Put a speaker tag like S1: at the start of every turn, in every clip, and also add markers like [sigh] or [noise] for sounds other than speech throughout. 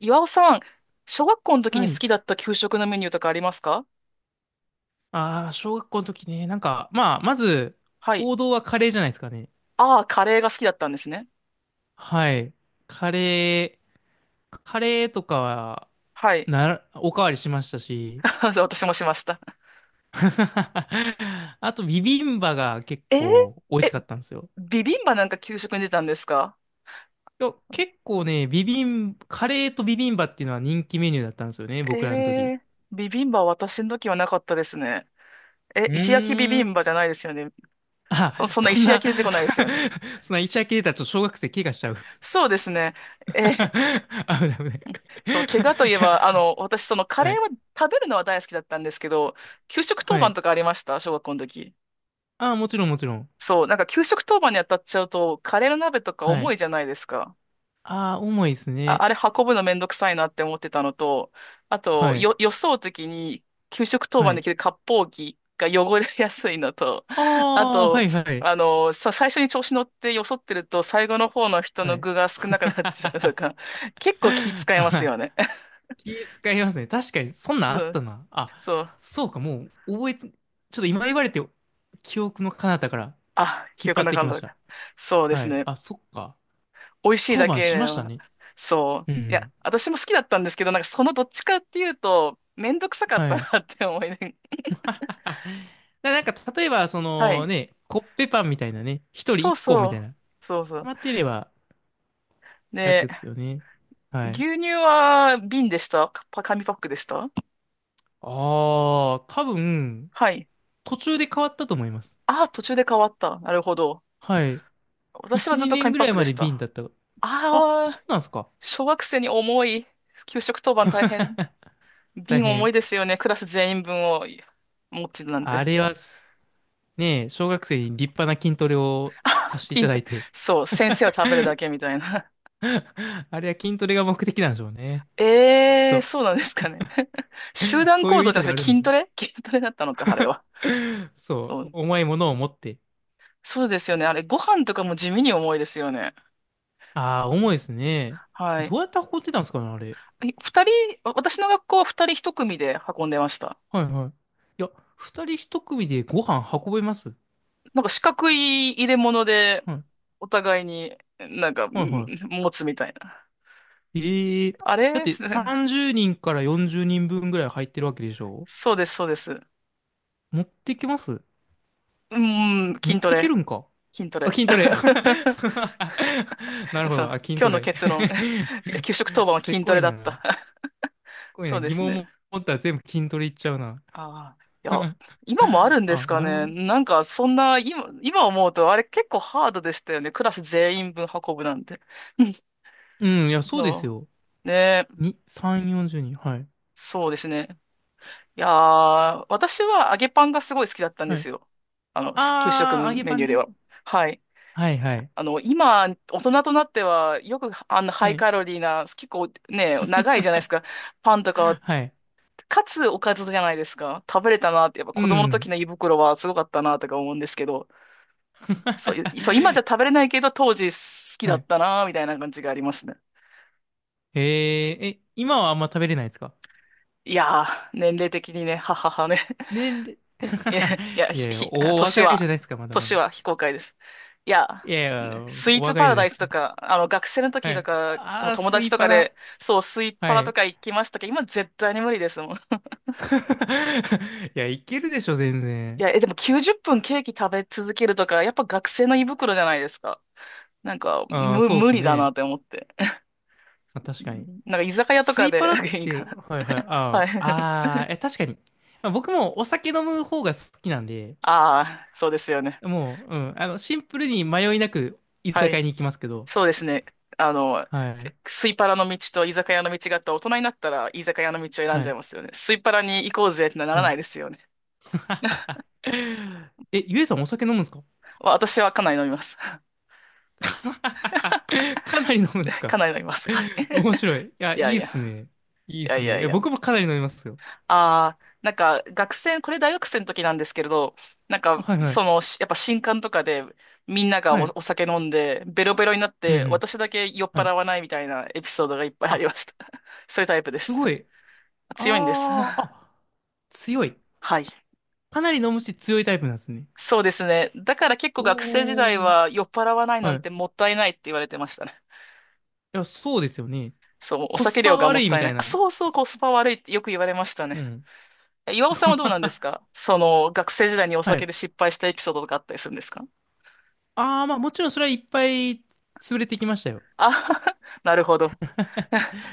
S1: 岩尾さん、小学校の時
S2: は
S1: に好
S2: い。
S1: きだった給食のメニューとかありますか？
S2: ああ、小学校の時ね。なんか、まあ、まず、
S1: はい。
S2: 王道はカレーじゃないですかね。
S1: ああ、カレーが好きだったんですね。
S2: はい。カレカレーとかは、
S1: はい。
S2: なら、おかわりしましたし。
S1: [laughs] そう私もしました。
S2: [laughs] あと、ビビンバが結
S1: えー。
S2: 構美味し
S1: え、
S2: かったんですよ。
S1: ビビンバなんか給食に出たんですか？
S2: いや結構ね、ビビン、カレーとビビンバっていうのは人気メニューだったんですよね、
S1: え
S2: 僕らの時。
S1: ー、ビビンバは私の時はなかったですね。え、
S2: う
S1: 石焼きビビ
S2: ーん。
S1: ンバじゃないですよね。
S2: あ、
S1: そんな
S2: そん
S1: 石焼
S2: な
S1: き出てこないですよね。
S2: [laughs] そんな医者系だと小学生怪我しちゃう [laughs] 危
S1: そうですね。え
S2: な
S1: ー。
S2: い危ない [laughs] い
S1: そう、怪我といえ
S2: や、
S1: ば、あの、私、そのカレ
S2: は
S1: ー
S2: い
S1: は食べるのは大好きだったんですけど、給食当
S2: は
S1: 番
S2: い。
S1: とかありました小学校の時。
S2: ああ、もちろん、もちろん。
S1: そう、なんか給食当番に当たっちゃうと、カレーの鍋とか
S2: は
S1: 重
S2: い。
S1: いじゃないですか。
S2: ああ、重いです
S1: あ、
S2: ね。
S1: あれ運ぶのめんどくさいなって思ってたのと、あと、
S2: はい。
S1: よそうときに、給食当
S2: は
S1: 番で
S2: い。
S1: 着る割烹着が汚れやすいのと、あ
S2: ああ、は
S1: と、
S2: い、はい。
S1: あの、最初に調子乗ってよそってると、最後の方の人
S2: は
S1: の
S2: い。
S1: 具が少なく
S2: [laughs]
S1: なっちゃうとか、結構気使います
S2: は
S1: よね。[laughs]
S2: い。気使いますね。確かに、そんなんあ
S1: そ
S2: っ
S1: う、
S2: たな。あ、
S1: そう。
S2: そうか、もう、覚えて、ちょっと今言われて、記憶の彼方から
S1: あ、記
S2: 引っ
S1: 憶
S2: 張っ
S1: な
S2: て
S1: か
S2: きまし
S1: っ
S2: た。
S1: た。そうで
S2: は
S1: す
S2: い。
S1: ね。
S2: あ、そっか。
S1: 美味しい
S2: 当
S1: だ
S2: 番
S1: け
S2: し
S1: で
S2: ました
S1: は、
S2: ね。
S1: そう。
S2: うんう
S1: いや、
S2: ん。
S1: 私も好きだったんですけど、なんかそのどっちかっていうと、めんどくさかった
S2: はい。
S1: なって思いな
S2: [laughs] だなんか、例えば、そ
S1: がら、は
S2: の
S1: い。
S2: ね、コッペパンみたいなね、一人
S1: そう
S2: 一個み
S1: そ
S2: た
S1: う。
S2: いな、決
S1: そうそう。
S2: まっていれば、
S1: で、
S2: 楽っすよね。はい。
S1: 牛乳は瓶でしたか、パ紙パックでした
S2: ああ、多分、
S1: はい。
S2: 途中で変わったと思います。
S1: ああ、途中で変わった。なるほど。
S2: はい。
S1: 私は
S2: 1、
S1: ずっと
S2: 2年
S1: 紙
S2: ぐ
S1: パッ
S2: らい
S1: クで
S2: ま
S1: し
S2: で瓶だ
S1: た。
S2: った。あ、
S1: あ
S2: そ
S1: あ、
S2: うなんすか。
S1: 小学生に重い。給食当番大変。
S2: [laughs] 大
S1: 瓶重い
S2: 変。
S1: ですよね。クラス全員分を持ってるなん
S2: あ
S1: て。
S2: れはす、ねえ、小学生に立派な筋トレを
S1: [laughs]
S2: さ
S1: あ
S2: せていた
S1: 金
S2: だ
S1: と、
S2: いて。
S1: そう、先生は食べるだけみたいな。
S2: [laughs] あれは筋トレが目的なんでしょうね。きっ
S1: ええ、
S2: と。
S1: そうなんですかね。[laughs] 集団
S2: そうい
S1: 行
S2: う
S1: 動
S2: 意
S1: じゃ
S2: 図
S1: な
S2: が
S1: く
S2: あ
S1: て
S2: るんで
S1: 筋
S2: しょ
S1: ト
S2: う。
S1: レ [laughs] 筋トレだったのか、あれは。
S2: [laughs] そ
S1: そ
S2: う。
S1: う。
S2: 重いものを持って。
S1: そうですよね。あれ、ご飯とかも地味に重いですよね。
S2: ああ、
S1: う
S2: 重いで
S1: ん、
S2: すね。
S1: はい。
S2: どうやって運んでたんですかね、あれ。
S1: え、二人、私の学校は二人一組で運んでました。
S2: はいはい。いや、二人一組でご飯運べます。
S1: なんか四角い入れ物で、
S2: はい
S1: お互いになんか、う
S2: はい
S1: ん、
S2: は
S1: 持つみたいな。
S2: い。ええ
S1: あ
S2: だっ
S1: れ
S2: て
S1: す [laughs]
S2: 30人から40人分ぐらい入ってるわけでしょ？
S1: そうです、そうです。
S2: 持ってきます？
S1: うん、
S2: 持っ
S1: 筋ト
S2: てけ
S1: レ。
S2: るんか？
S1: 筋ト
S2: あ、
S1: レ。
S2: 筋トレ。[laughs] なる
S1: [laughs]
S2: ほ
S1: そ
S2: ど。
S1: う。
S2: あ、筋
S1: 今
S2: ト
S1: 日の
S2: レ。
S1: 結論。
S2: [laughs]
S1: [laughs] 給食当番は
S2: せ
S1: 筋ト
S2: こ
S1: レ
S2: い
S1: だっ
S2: な。
S1: た。
S2: せ
S1: [laughs]
S2: こい
S1: そう
S2: な。
S1: で
S2: 疑
S1: す
S2: 問
S1: ね。
S2: 持ったら全部筋トレいっちゃうな。
S1: ああ、いや、
S2: [laughs]
S1: 今もあるんです
S2: あ、
S1: か
S2: なるほ
S1: ね。
S2: どね。
S1: なんか、そんな、今思うと、あれ結構ハードでしたよね。クラス全員分運ぶなんて。[laughs] うん。
S2: うん、いや、
S1: い
S2: そうです
S1: や、
S2: よ。
S1: ねえ、
S2: 3、40人。はい。
S1: そうですね。いやー、私は揚げパンがすごい好きだったんで
S2: はい。
S1: すよ。あの、す給食
S2: あー、
S1: の
S2: 揚げ
S1: メ
S2: パ
S1: ニュ
S2: ン
S1: ーでは。
S2: ね。
S1: はい。
S2: はいはい。
S1: あの、今、大人となっては、よく、あの、ハ
S2: は
S1: イ
S2: い。
S1: カロリーな、結構ね、長いじゃないですか。パンとかは、
S2: はい。
S1: かつおかずじゃないですか。食べれたなって、やっぱ
S2: う
S1: 子供の時
S2: ん。
S1: の胃袋はすごかったなとか思うんですけど、そう、いそう、今
S2: [laughs]
S1: じゃ食べれないけど、当時好き
S2: は
S1: だっ
S2: い。
S1: たなーみたいな感じがありますね。
S2: え今はあんま食べれないですか？
S1: いやー、年齢的にね、はははね。[laughs]
S2: 年齢
S1: いや、
S2: [laughs]
S1: いや、
S2: い
S1: ひ、
S2: やいや、
S1: ひ
S2: お
S1: 年
S2: 若いじ
S1: は、
S2: ゃないですか、まだま
S1: 年
S2: だ。
S1: は非公開です。いや、
S2: いやいや、
S1: ね、スイー
S2: お
S1: ツ
S2: 若
S1: パ
S2: いじ
S1: ラ
S2: ゃな
S1: ダ
S2: いで
S1: イス
S2: す
S1: と
S2: か。
S1: か、あの、学生の時
S2: は
S1: と
S2: い。
S1: か、その
S2: あー、
S1: 友
S2: ス
S1: 達
S2: イ
S1: とか
S2: パラ。
S1: で、そう、スイパ
S2: は
S1: ラと
S2: い。
S1: か行きましたけど、今絶対に無理ですもん。い
S2: [laughs] いや、いけるでしょ、全然。
S1: や、え、でも90分ケーキ食べ続けるとか、やっぱ学生の胃袋じゃないですか。なんか、
S2: ああ、
S1: む、
S2: そうで
S1: 無
S2: す
S1: 理だなっ
S2: ね。
S1: て思って。
S2: まあ、確かに。
S1: なんか居酒屋と
S2: ス
S1: か
S2: イパ
S1: で
S2: ラっ
S1: [laughs] いいか
S2: て、
S1: な。
S2: はいはい、あ
S1: は
S2: あ、
S1: い。
S2: ああ、え、確かに。まあ僕もお酒飲む方が好きなんで、
S1: ああ、そうですよね。
S2: もう、うん、あの、シンプルに迷いなく居
S1: は
S2: 酒屋
S1: い。
S2: に行きますけど、
S1: そうですね。あの、
S2: はい、
S1: スイパラの道と居酒屋の道があった大人になったら居酒屋の道を選ん
S2: は
S1: じゃい
S2: い、
S1: ますよね。スイパラに行こうぜってなら
S2: は
S1: な
S2: い。
S1: いですよね。
S2: [laughs] え、ゆえさんお酒飲むんですか？
S1: 私はかなり飲みます。
S2: [laughs] かなり飲むんです
S1: [laughs] か
S2: か？
S1: なり飲みます。はい。[laughs]
S2: 面白い。いや、
S1: いや
S2: い
S1: い
S2: いっ
S1: や、い
S2: すね。いいっ
S1: や
S2: す
S1: いや
S2: ね。
S1: い
S2: え、
S1: や。
S2: 僕もかなり飲みますよ。
S1: ああ、なんか学生、これ大学生の時なんですけれど、なんか
S2: あ、はいは
S1: そ
S2: い。
S1: の、しやっぱ新刊とかでみんなが
S2: は
S1: お、
S2: い。
S1: お酒飲んでベロベロになっ
S2: うんう
S1: て
S2: ん。
S1: 私だけ酔っ
S2: は
S1: 払
S2: い。
S1: わないみたいなエピソードがいっぱいあり
S2: あ、
S1: ました。[laughs] そういうタイプで
S2: す
S1: す。
S2: ごい。
S1: 強いんです。
S2: ああ、
S1: [laughs]
S2: あ、強い。
S1: はい。
S2: かなり飲むし強いタイプなんですね。
S1: そうですね。だから結構学生時代
S2: おー。
S1: は酔っ払わないな
S2: は
S1: ん
S2: い。い
S1: てもったいないって言われてましたね。
S2: や、そうですよね。
S1: そう、お
S2: コス
S1: 酒量
S2: パ
S1: がも
S2: 悪
S1: っ
S2: い
S1: た
S2: み
S1: い
S2: た
S1: な
S2: い
S1: い。あ、
S2: な。
S1: そうそう、コスパ悪いってよく言われましたね。
S2: うん。
S1: え、岩尾さん
S2: [laughs]
S1: はどうなんですか、その、学生時代にお
S2: は
S1: 酒
S2: い。
S1: で失敗したエピソードとかあったりするんですか？
S2: ああ、まあもちろんそれはいっぱい潰れてきましたよ。
S1: あ、[laughs] なるほど。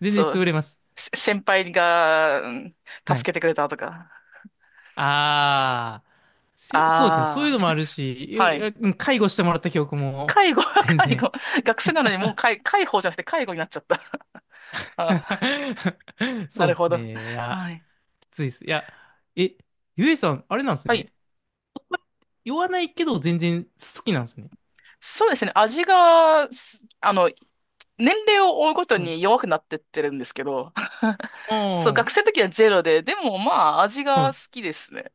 S2: 全然
S1: そう、
S2: 潰れます。
S1: せ先輩が、うん、
S2: は
S1: 助
S2: い、
S1: けてくれたとか。
S2: ああ、そうですね。そうい
S1: あ
S2: う
S1: あ、
S2: のもあるし、
S1: はい。
S2: 介護してもらった記憶も、
S1: 介護、
S2: [laughs]
S1: [laughs]
S2: 全
S1: 介
S2: 然。
S1: 護。学生なのにもう介、介抱じゃなくて介護になっちゃった。[laughs] あ
S2: [laughs]
S1: ー、な
S2: そう
S1: る
S2: で
S1: ほ
S2: す
S1: ど。
S2: ね。いや、
S1: はい。
S2: きついです。いや、え、ゆえさん、あれなんです
S1: はい、
S2: ね。言わないけど全然好きなんですね。
S1: そうですね。味が、すあの、年齢を追うごと
S2: はい。
S1: に弱くなってってるんですけど、
S2: あ
S1: [laughs]
S2: あ、
S1: そう、
S2: は
S1: 学
S2: い。
S1: 生の時はゼロで、でもまあ、味が好きですね。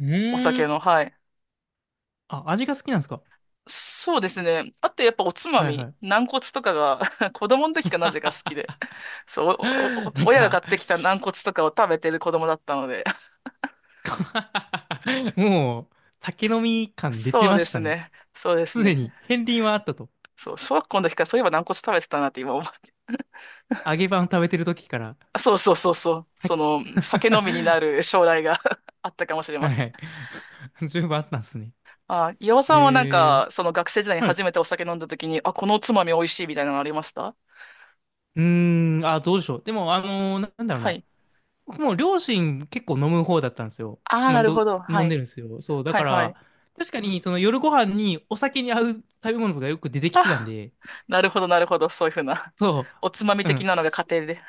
S2: う
S1: お
S2: ー
S1: 酒
S2: ん。
S1: の、はい。
S2: あ、味が好きなんですか？
S1: そうですね。あとやっぱおつま
S2: はいは
S1: み、
S2: い。
S1: 軟骨とかが [laughs] 子供の時かなぜか好き
S2: [laughs]
S1: で、そう、
S2: な
S1: おお
S2: ん
S1: 親が買
S2: か
S1: ってきた軟骨とかを食べてる子供だったので、[laughs]
S2: [laughs] もう、酒飲み感出て
S1: そう
S2: ま
S1: で
S2: し
S1: す
S2: たね。
S1: ね。そうです
S2: すでに、
S1: ね。
S2: 片鱗はあったと。
S1: そう、小学校の時からそういえば軟骨食べてたなって今思
S2: 揚げパン食べてる時から。
S1: そうそうそうそう。
S2: はい。
S1: その、酒飲みにな
S2: [laughs]
S1: る将来が [laughs] あったかもしれ
S2: は
S1: ま
S2: い
S1: せ
S2: は
S1: ん。
S2: い。[laughs] 十分あったんですね。
S1: あ、岩尾さんはなん
S2: え
S1: か、そ
S2: ー、
S1: の学生時代に
S2: は
S1: 初
S2: い。
S1: めてお酒飲んだ時に、あ、このおつまみ美味しいみたいなのありました？
S2: うーん、あ、どうでしょう。でも、なんだろう
S1: は
S2: な。
S1: い。
S2: 僕も両親結構飲む方だったんですよ。
S1: ああ、
S2: まあ、
S1: なるほど。
S2: 飲
S1: は
S2: んで
S1: い。
S2: るんですよ。そう、だ
S1: は
S2: か
S1: いは
S2: ら、
S1: い。
S2: 確かに、その夜ご飯にお酒に合う食べ物がよく出てきてたん
S1: あ、
S2: で、
S1: なるほどなるほど。そういうふうな
S2: そ
S1: [laughs]。おつまみ
S2: う、う
S1: 的
S2: ん、
S1: なのが家庭で。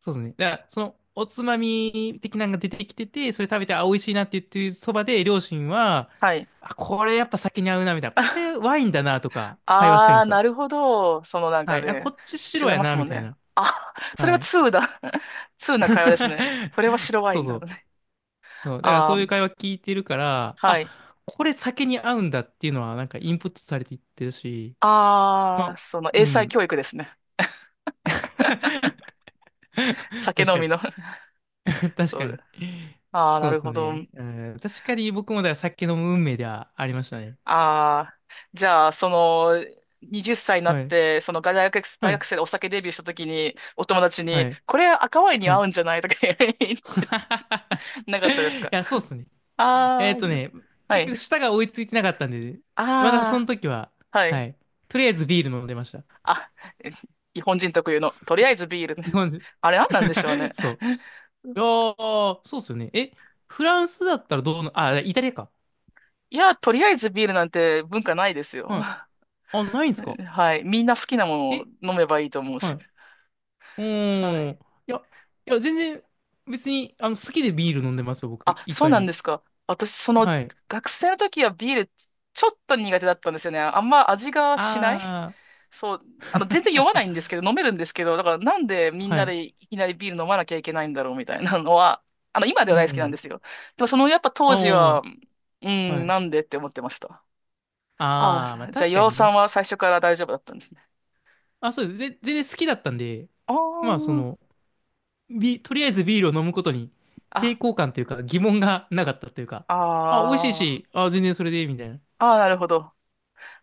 S2: そうですね。だから、その、おつまみ的なのが出てきてて、それ食べて、あ、美味しいなって言ってるそばで、両親は、
S1: はい。
S2: あ、これやっぱ酒に合うな、みたいな。こ
S1: [laughs]
S2: れワインだな、とか、会話してる
S1: あ
S2: んで
S1: あ、
S2: すよ。
S1: なるほど。そのなん
S2: は
S1: か
S2: い。あ、
S1: ね、
S2: こっち
S1: 違
S2: 白
S1: い
S2: や
S1: ます
S2: な、
S1: も
S2: み
S1: ん
S2: たい
S1: ね。
S2: な。
S1: あ、それ
S2: は
S1: は
S2: い。
S1: 通だ。[laughs] 通な会話ですね。これは
S2: [laughs]
S1: 白ワイ
S2: そう
S1: ン
S2: そ
S1: だ
S2: う。
S1: ね。
S2: そう。だから
S1: ああ、
S2: そういう会話聞いてるから、
S1: はい。
S2: あ、これ酒に合うんだっていうのはなんかインプットされていってるし、ま
S1: ああ、
S2: あ、
S1: その
S2: う
S1: 英才
S2: ん。
S1: 教育ですね。
S2: [laughs]
S1: [laughs] 酒
S2: 確
S1: 飲
S2: かに。
S1: みの [laughs]
S2: [laughs] 確
S1: そ
S2: かに。
S1: う。ああ、
S2: そ
S1: な
S2: うで
S1: る
S2: す
S1: ほど。
S2: ね。うん、確かに僕もだから酒飲む運命ではありましたね。
S1: ああ、じゃあ、その、20歳になっ
S2: はい。
S1: て、その大学、大
S2: は
S1: 学
S2: い。
S1: 生でお酒デビューした時に、お友達
S2: は
S1: に、
S2: い。
S1: これ赤ワインに
S2: は
S1: 合
S2: い
S1: うんじゃないとか言え
S2: [laughs]
S1: [laughs] なかったです
S2: い
S1: か？
S2: や、そうっすね。えっ
S1: ああ
S2: と
S1: ー、
S2: ね、
S1: は
S2: 結
S1: い。
S2: 局舌が追いついてなかったんで、まだその
S1: あ
S2: 時は、
S1: あ、は
S2: は
S1: い。
S2: い。とりあえずビール飲んでました。
S1: あ、え、日本人特有の、とりあえずビール。
S2: 日本人。
S1: [laughs] あれ何なんでしょう
S2: [laughs]
S1: ね。
S2: そ
S1: [laughs]
S2: う。ああ、そうっすよね。え、フランスだったらどうな、あ、イタリアか。
S1: いや、とりあえずビールなんて文化ないですよ。
S2: はい。あ、ないんすか？
S1: はい。みんな好きなもの
S2: え、
S1: を飲めばいいと思う
S2: は
S1: し。
S2: い。う
S1: は
S2: ー
S1: い。
S2: ん。いや、いや、全然、別に、あの、好きでビール飲んでますよ、僕、
S1: あ、
S2: 一
S1: そう
S2: 杯
S1: なん
S2: 目。
S1: ですか。私、その、
S2: はい。
S1: 学生の時はビール、ちょっと苦手だったんですよね。あんま味がしない。
S2: あ
S1: そう。
S2: あ。
S1: あの、全然酔わない
S2: [laughs]
S1: んですけど、飲めるんですけど、だからなんでみん
S2: は
S1: な
S2: い。
S1: でいきなりビール飲まなきゃいけないんだろうみたいなのは、[laughs] あの、今で
S2: う
S1: は大好きなんで
S2: ん。
S1: すよ。でも、その、やっぱ当時
S2: あ
S1: は、う
S2: あ、は
S1: ん、
S2: い。
S1: なんでって思ってました。あ
S2: ああ、まあ
S1: あ、じゃあ、
S2: 確か
S1: 岩尾
S2: に
S1: さん
S2: ね。
S1: は最初から大丈夫だったんですね。
S2: あ、そうです。で、全然好きだったんで、まあそ
S1: あ
S2: の、とりあえずビールを飲むことに抵
S1: あ、
S2: 抗感というか疑問がなかったというか、
S1: あ、
S2: あ、美味しい
S1: ああ、
S2: し、あ、全然それでいいみたいな。
S1: ああ、なるほど。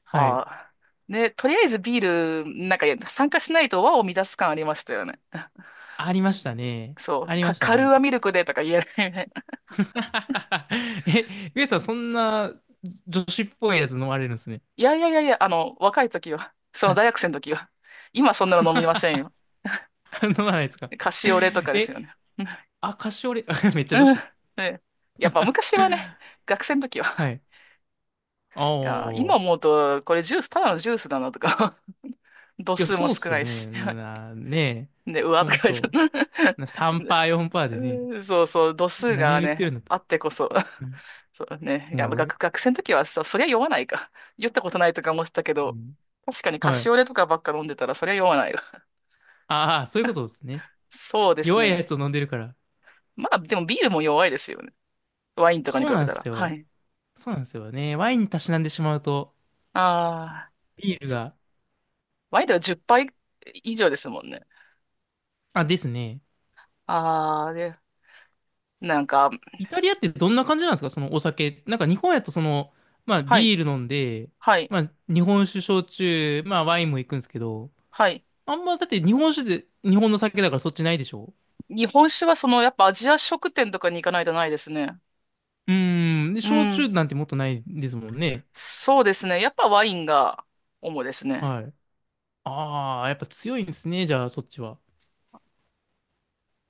S2: は
S1: あ
S2: い。
S1: あ。ね、とりあえずビール、なんか参加しないと和を乱す感ありましたよね。
S2: ありましたね。
S1: そ
S2: あ
S1: う、
S2: りま
S1: か、
S2: した
S1: カルー
S2: ね。
S1: アミルクでとか言えないね。[laughs]
S2: [laughs] え、ウエさんそんな女子っぽいやつ飲まれるんですね。
S1: いやいやいやいや、あの、若い時は、その
S2: はい。
S1: 大学生の時は、今そんなの飲みませんよ。
S2: [laughs] 飲まないですか。
S1: カシオレとかです
S2: え、
S1: よね。う
S2: あ、カシオレ、[laughs] めっちゃ女
S1: ん。うん。
S2: 子。
S1: ね、やっぱ昔
S2: [laughs]
S1: はね、学生の時
S2: は
S1: は、
S2: い。あ
S1: いや、今
S2: あ。
S1: 思うと、これジュース、ただのジュースだなとか、[laughs] 度
S2: いや、
S1: 数も
S2: そうっ
S1: 少
S2: す
S1: な
S2: よ
S1: い
S2: ね。
S1: し、
S2: ねえ、
S1: [laughs] で、うわ
S2: ほ
S1: とか
S2: ん
S1: 言っちゃっ
S2: と、
S1: た。
S2: 3%、
S1: [laughs]
S2: 4%でね、
S1: うん [laughs] そうそう、度数
S2: 何を
S1: が
S2: 言って
S1: ね、
S2: るんだと。
S1: あってこそ。
S2: うん、
S1: [laughs] そうね。いや、
S2: もう、
S1: 学生の時はさ、そりゃ酔わないか。酔ったことないとか思ってたけ
S2: う
S1: ど、
S2: ん、
S1: 確かにカ
S2: は
S1: シ
S2: い。
S1: オレとかばっか飲んでたら、そりゃ酔わないわ。
S2: ああ、そういうことですね。
S1: [laughs] そうです
S2: 弱いや
S1: ね。
S2: つを飲んでるから。
S1: まあ、でもビールも弱いですよね。ワインとかに
S2: そ
S1: 比
S2: うな
S1: べ
S2: んで
S1: たら。
S2: す
S1: は
S2: よ。
S1: い。
S2: そうなんですよね。ワインにたしなんでしまうと、
S1: ああ、
S2: ビール
S1: そ、
S2: が。
S1: ワインとか10杯以上ですもんね。
S2: あ、ですね。
S1: ああ、で、なんか、
S2: イタリアってどんな感じなんですか？そのお酒。なんか日本やとその、まあ
S1: は
S2: ビ
S1: い、
S2: ール飲んで、
S1: はい、
S2: まあ日本酒焼酎、まあワインも行くんですけど、
S1: はい。
S2: あんまだって日本酒で日本の酒だからそっちないでしょ？
S1: 日本酒はその、やっぱアジア食店とかに行かないとないですね。
S2: うーん。で、
S1: う
S2: 焼酎
S1: ん。
S2: なんてもっとないですもんね。
S1: そうですね。やっぱワインが主ですね。
S2: はい。ああ、やっぱ強いんですね。じゃあ、そっちは。